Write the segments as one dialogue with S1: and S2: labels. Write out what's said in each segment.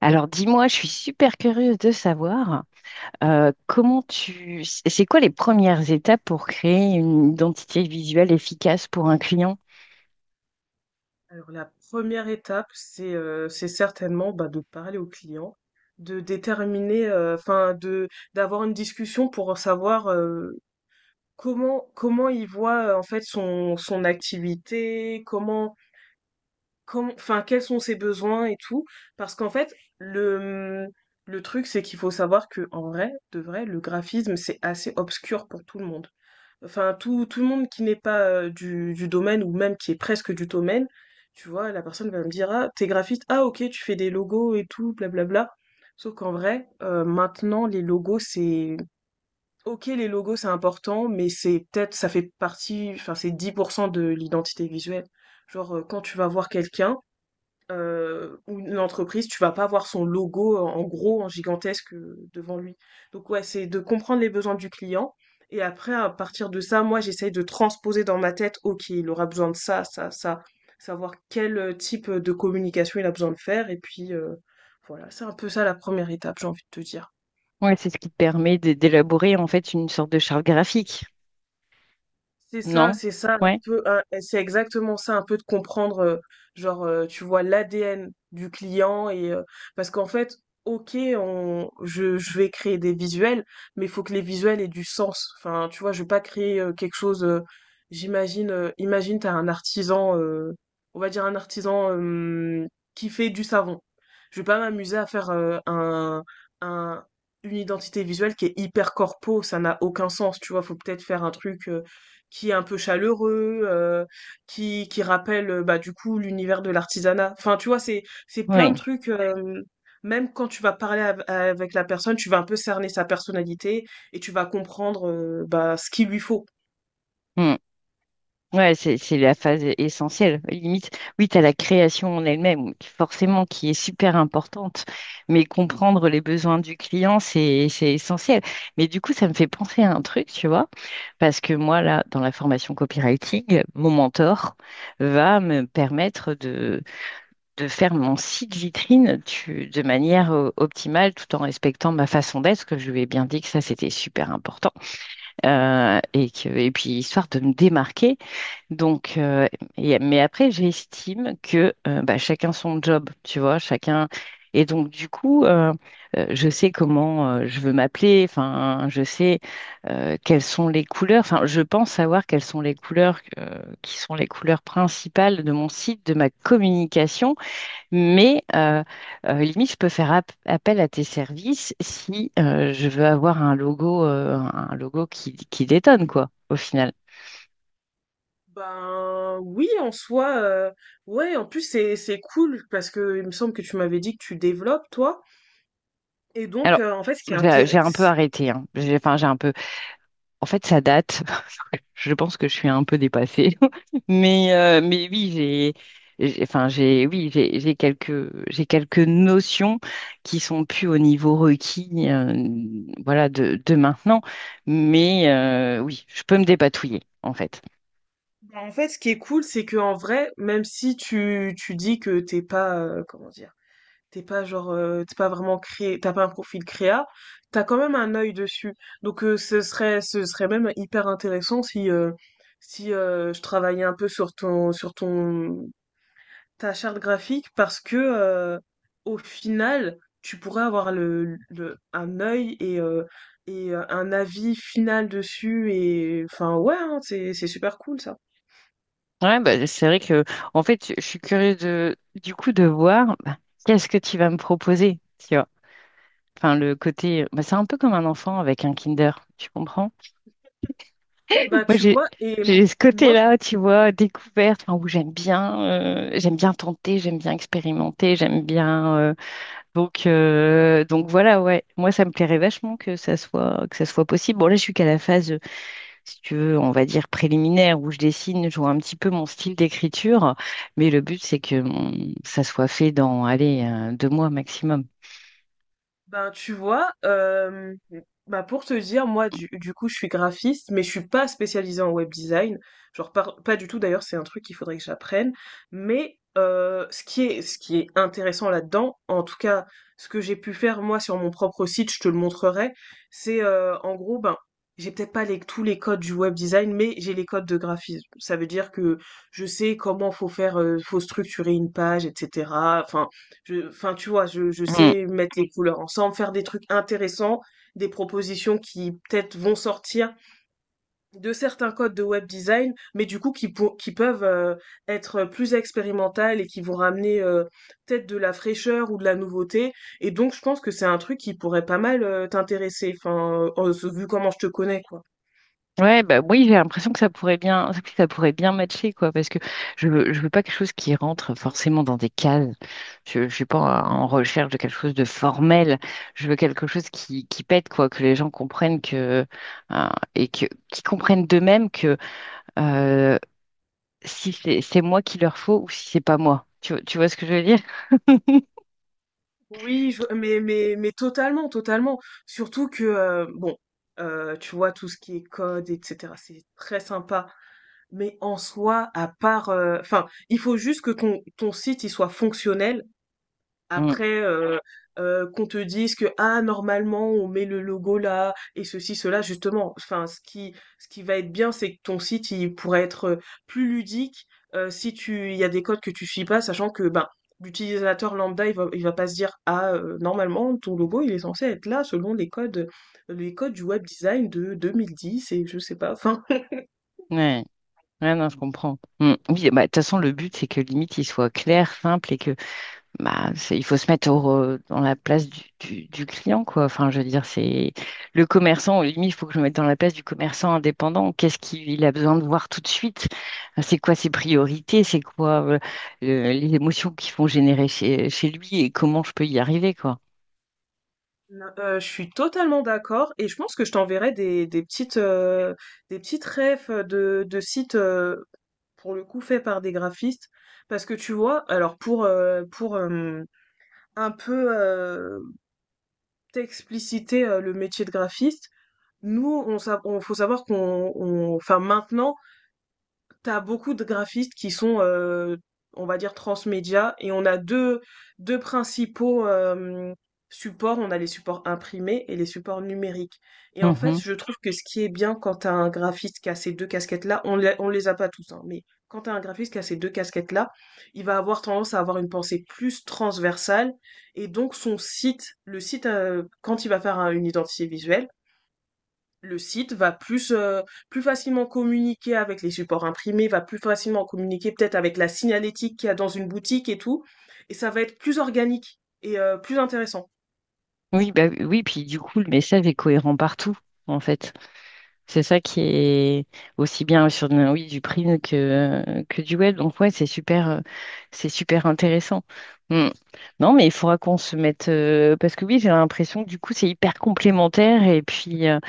S1: Alors dis-moi, je suis super curieuse de savoir comment tu... C'est quoi les premières étapes pour créer une identité visuelle efficace pour un client?
S2: Alors la première étape, c'est certainement de parler au client, de déterminer, enfin de d'avoir une discussion pour savoir comment il voit en fait son activité, comment quels sont ses besoins et tout. Parce qu'en fait le le truc c'est qu'il faut savoir que en vrai de vrai le graphisme c'est assez obscur pour tout le monde. Enfin, tout le monde qui n'est pas du domaine ou même qui est presque du domaine, tu vois, la personne va me dire, ah, t'es graphiste, ah, ok, tu fais des logos et tout, blablabla. Sauf qu'en vrai, maintenant, les logos, c'est... Ok, les logos, c'est important, mais c'est peut-être, ça fait partie, enfin, c'est 10% de l'identité visuelle. Genre, quand tu vas voir quelqu'un, ou une entreprise, tu vas pas avoir son logo, en gros, en gigantesque, devant lui. Donc ouais, c'est de comprendre les besoins du client et après à partir de ça, moi, j'essaye de transposer dans ma tête: «OK, il aura besoin de ça, ça, ça», savoir quel, type, de communication il a besoin de faire et puis, voilà, c'est un peu ça la première étape, j'ai envie de te dire.
S1: Ouais, c'est ce qui te permet d'élaborer en fait une sorte de charte graphique,
S2: C'est ça,
S1: non?
S2: c'est ça,
S1: Ouais,
S2: c'est exactement ça, un peu de comprendre, tu vois, l'ADN du client parce qu'en fait, ok, je vais créer des visuels, mais il faut que les visuels aient du sens. Enfin, tu vois, je vais pas créer quelque chose. Imagine, t'as un artisan, on va dire un artisan qui fait du savon. Je vais pas m'amuser à faire un une identité visuelle qui est hyper corpo, ça n'a aucun sens. Tu vois, faut peut-être faire un truc. Qui est un peu chaleureux, qui rappelle bah du coup l'univers de l'artisanat. Enfin, tu vois, c'est plein de
S1: ouais.
S2: trucs. Même quand tu vas avec la personne, tu vas un peu cerner sa personnalité et tu vas comprendre bah ce qu'il lui faut.
S1: Hmm. Ouais, c'est la phase essentielle. Limite, oui, tu as la création en elle-même, oui, forcément, qui est super importante, mais comprendre les besoins du client, c'est essentiel. Mais du coup, ça me fait penser à un truc, tu vois. Parce que moi, là, dans la formation copywriting, mon mentor va me permettre de faire mon site vitrine de manière optimale tout en respectant ma façon d'être, parce que je lui ai bien dit que ça, c'était super important. Et puis, histoire de me démarquer donc, mais après, j'estime que bah, chacun son job, tu vois, chacun. Et donc, du coup, je sais comment je veux m'appeler, enfin, je sais quelles sont les couleurs, enfin, je pense savoir quelles sont les couleurs qui sont les couleurs principales de mon site, de ma communication, mais euh, limite, je peux faire appel à tes services si je veux avoir un logo qui détonne, quoi, au final.
S2: Ben oui, en soi, ouais. En plus, c'est cool parce que il me semble que tu m'avais dit que tu développes toi. Et donc,
S1: Alors,
S2: en fait, ce qui est
S1: j'ai
S2: intér-
S1: j'ai un peu arrêté, hein. J'ai, enfin, j'ai un peu. En fait, ça date. Je pense que je suis un peu dépassée. Mais oui, enfin, j'ai, oui, j'ai quelques notions qui sont plus au niveau requis, voilà, de maintenant. Mais oui, je peux me dépatouiller, en fait.
S2: ben, en fait, ce qui est cool, c'est que en vrai, même si tu dis que t'es pas comment dire. T'es pas genre, t'es pas vraiment créé, t'as pas un profil créa, t'as quand même un œil dessus. Donc ce serait même hyper intéressant si je travaillais un peu sur ta charte graphique, parce que au final, tu pourrais avoir un œil et un avis final dessus et enfin ouais, hein, c'est super cool ça.
S1: Ouais, bah, c'est vrai que, en fait, je suis curieuse de, du coup, de voir bah, qu'est-ce que tu vas me proposer. Enfin, le côté, bah, c'est un peu comme un enfant avec un Kinder, tu comprends?
S2: Bah
S1: Moi,
S2: tu
S1: j'ai
S2: vois et
S1: j'ai ce
S2: moi
S1: côté-là, tu vois, découverte, enfin, où j'aime bien tenter, j'aime bien expérimenter, j'aime bien. Donc, donc voilà, ouais. Moi, ça me plairait vachement que ça soit possible. Bon, là, je suis qu'à la phase, si tu veux, on va dire préliminaire, où je dessine, je vois un petit peu mon style d'écriture, mais le but, c'est que ça soit fait dans, allez, 2 mois maximum.
S2: Ben, tu vois, bah pour te dire, moi, du coup, je suis graphiste, mais je suis pas spécialisée en web design. Pas du tout, d'ailleurs, c'est un truc qu'il faudrait que j'apprenne. Ce qui est intéressant là-dedans, en tout cas, ce que j'ai pu faire, moi, sur mon propre site, je te le montrerai, c'est, en gros, ben, j'ai peut-être pas les, tous les codes du web design, mais j'ai les codes de graphisme. Ça veut dire que je sais comment faut faire, faut structurer une page, etc. Enfin, enfin, tu vois, je sais mettre les couleurs ensemble, faire des trucs intéressants, des propositions qui peut-être vont sortir de certains codes de web design, mais du coup qui peuvent être plus expérimentales et qui vont ramener peut-être de la fraîcheur ou de la nouveauté. Et donc, je pense que c'est un truc qui pourrait pas mal t'intéresser, enfin, oh, vu comment je te connais, quoi.
S1: Ouais, bah oui, j'ai l'impression que ça pourrait bien, que ça pourrait bien matcher, quoi, parce que je veux pas quelque chose qui rentre forcément dans des cases. Je suis pas en recherche de quelque chose de formel. Je veux quelque chose qui pète, quoi, que les gens comprennent que, euh, et que, qui comprennent d'eux-mêmes que, euh, si c'est moi qu'il leur faut ou si c'est pas moi. Tu vois ce que je veux dire?
S2: Mais, mais, totalement, totalement. Surtout que, bon, tu vois, tout ce qui est code, etc., c'est très sympa. Mais en soi, à part, enfin, il faut juste que ton site, il soit fonctionnel
S1: Mm.
S2: après, qu'on te dise que ah normalement on met le logo là et ceci cela justement. Enfin, ce qui va être bien, c'est que ton site il pourrait être plus ludique si tu il y a des codes que tu suis pas, sachant que ben l'utilisateur lambda il va pas se dire ah normalement ton logo il est censé être là selon les codes du web design de 2010 et je sais pas. Enfin,
S1: Ouais. Ouais, non, je comprends. Mm. Oui, bah, de toute façon, le but, c'est que limite, il soit clair, simple et que... Bah, il faut se mettre dans la place du client, quoi. Enfin, je veux dire, c'est le commerçant, limite, il faut que je me mette dans la place du commerçant indépendant. Qu'est-ce qu'il a besoin de voir tout de suite? C'est quoi ses priorités? C'est quoi les émotions qui font générer chez lui et comment je peux y arriver, quoi.
S2: non, je suis totalement d'accord et je pense que je t'enverrai des petites des petites refs de sites pour le coup fait par des graphistes parce que tu vois alors pour un peu t'expliciter le métier de graphiste nous on, sa- on- faut savoir qu'on on- enfin maintenant t'as beaucoup de graphistes qui sont, on va dire, transmédia, et deux principaux supports. On a les supports imprimés et les supports numériques. Et en fait,
S1: Mhm.
S2: je trouve que ce qui est bien quand t'as un graphiste qui a ces deux casquettes-là, on les a pas tous, hein, mais quand t'as un graphiste qui a ces deux casquettes-là, il va avoir tendance à avoir une pensée plus transversale, et donc le site, quand il va une identité visuelle, le site va plus, plus facilement communiquer avec les supports imprimés, va plus facilement communiquer peut-être avec la signalétique qu'il y a dans une boutique et tout, et ça va être plus organique et plus intéressant.
S1: Oui, bah oui, puis du coup, le message est cohérent partout, en fait. C'est ça qui est aussi bien sur oui, du print que du web. Donc ouais, c'est super intéressant. Hmm. Non, mais il faudra qu'on se mette parce que oui, j'ai l'impression que du coup c'est hyper complémentaire et puis euh,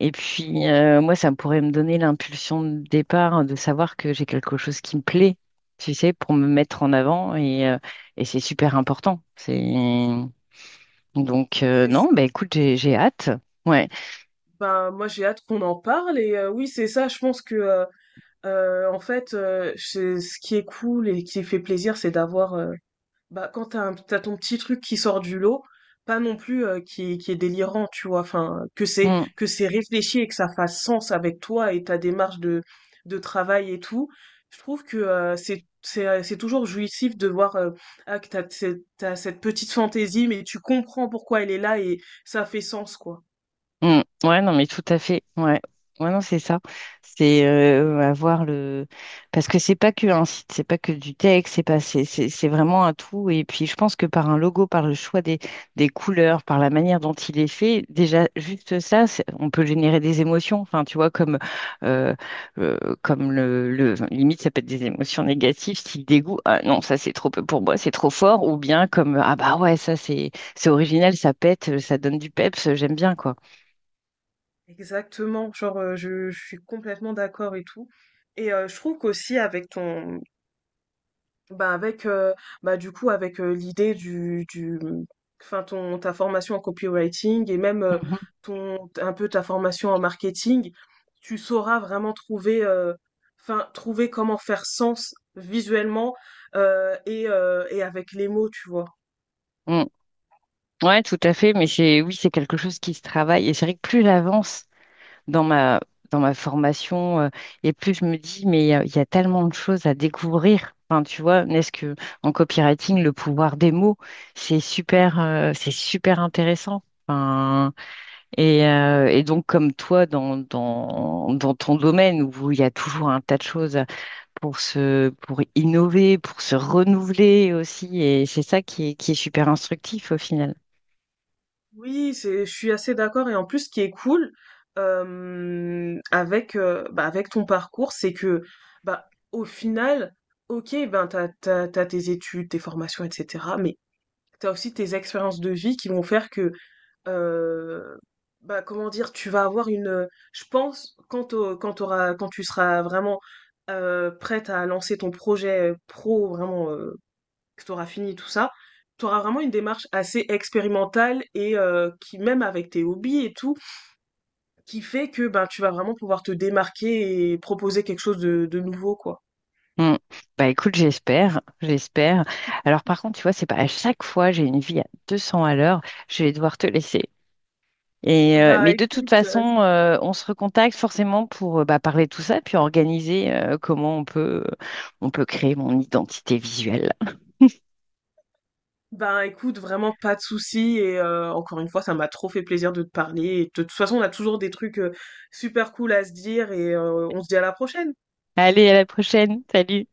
S1: et puis euh, moi ça pourrait me donner l'impulsion de départ de savoir que j'ai quelque chose qui me plaît, tu sais, pour me mettre en avant et c'est super important. C'est donc
S2: C'est
S1: non,
S2: s-
S1: bah écoute, j'ai hâte. Ouais.
S2: Ben, moi j'ai hâte qu'on en parle et oui c'est ça je pense que en fait ce qui est cool et qui fait plaisir c'est d'avoir quand t'as ton petit truc qui sort du lot, pas non plus qui est délirant, tu vois, enfin, que c'est
S1: Mmh.
S2: que c'est réfléchi et que ça fasse sens avec toi et ta démarche de travail et tout, je trouve que c'est c'est toujours jouissif de voir ah, que t'as cette petite fantaisie, mais tu comprends pourquoi elle est là et ça fait sens, quoi.
S1: Mm. Ouais, non, mais tout à fait. Ouais, ouais, non, c'est ça. C'est avoir le. Parce que c'est pas que un site, c'est pas que du texte, c'est pas, c'est vraiment un tout. Et puis, je pense que par un logo, par le choix des couleurs, par la manière dont il est fait, déjà, juste ça, on peut générer des émotions. Enfin, tu vois, comme, euh, comme Limite, ça peut être des émotions négatives, style dégoût. Ah non, ça, c'est trop peu pour moi, c'est trop fort. Ou bien comme, ah bah ouais, ça, c'est original, ça pète, ça donne du peps, j'aime bien, quoi.
S2: Exactement, genre, je suis complètement d'accord et tout. Je trouve qu'aussi avec ton, Bah avec bah du coup avec l'idée du mmh, enfin ton ta formation en copywriting et même
S1: Mhm.
S2: ton un peu ta formation en marketing, tu sauras vraiment trouver trouver comment faire sens visuellement et avec les mots, tu vois.
S1: Mm. Ouais, tout à fait, mais c'est oui, c'est quelque chose qui se travaille. Et c'est vrai que plus j'avance dans ma dans ma formation, et plus je me dis, mais il y a tellement de choses à découvrir. Enfin, tu vois, n'est-ce que en copywriting, le pouvoir des mots, c'est super intéressant. Enfin, et donc, comme toi, dans ton domaine où il y a toujours un tas de choses pour pour innover, pour se renouveler aussi, et c'est ça qui est super instructif au final.
S2: Oui, c'est je suis assez d'accord et en plus ce qui est cool avec bah avec ton parcours, c'est que bah au final OK, ben t'as tes études, tes formations, etc. Mais t'as aussi tes expériences de vie qui vont faire que, euh, bah, comment dire, tu vas avoir je pense, quand quand tu seras vraiment prête à lancer ton projet pro, vraiment, que t'auras fini tout ça, t'auras vraiment une démarche assez expérimentale et même avec tes hobbies et tout, qui fait que, ben tu vas vraiment pouvoir te démarquer et proposer quelque chose de nouveau, quoi.
S1: Mm. Bah écoute, j'espère, j'espère. Alors par contre, tu vois, c'est pas à chaque fois, j'ai une vie à 200 à l'heure, je vais devoir te laisser. Et,
S2: Bah,
S1: mais de toute
S2: écoute,
S1: façon, on se recontacte forcément pour bah, parler de tout ça, puis organiser comment on peut créer mon identité visuelle.
S2: Ben écoute, vraiment pas de souci et encore une fois, ça m'a trop fait plaisir de te parler. Et de toute façon, on a toujours des trucs super cool à se dire et on se dit à la prochaine.
S1: Allez, à la prochaine. Salut.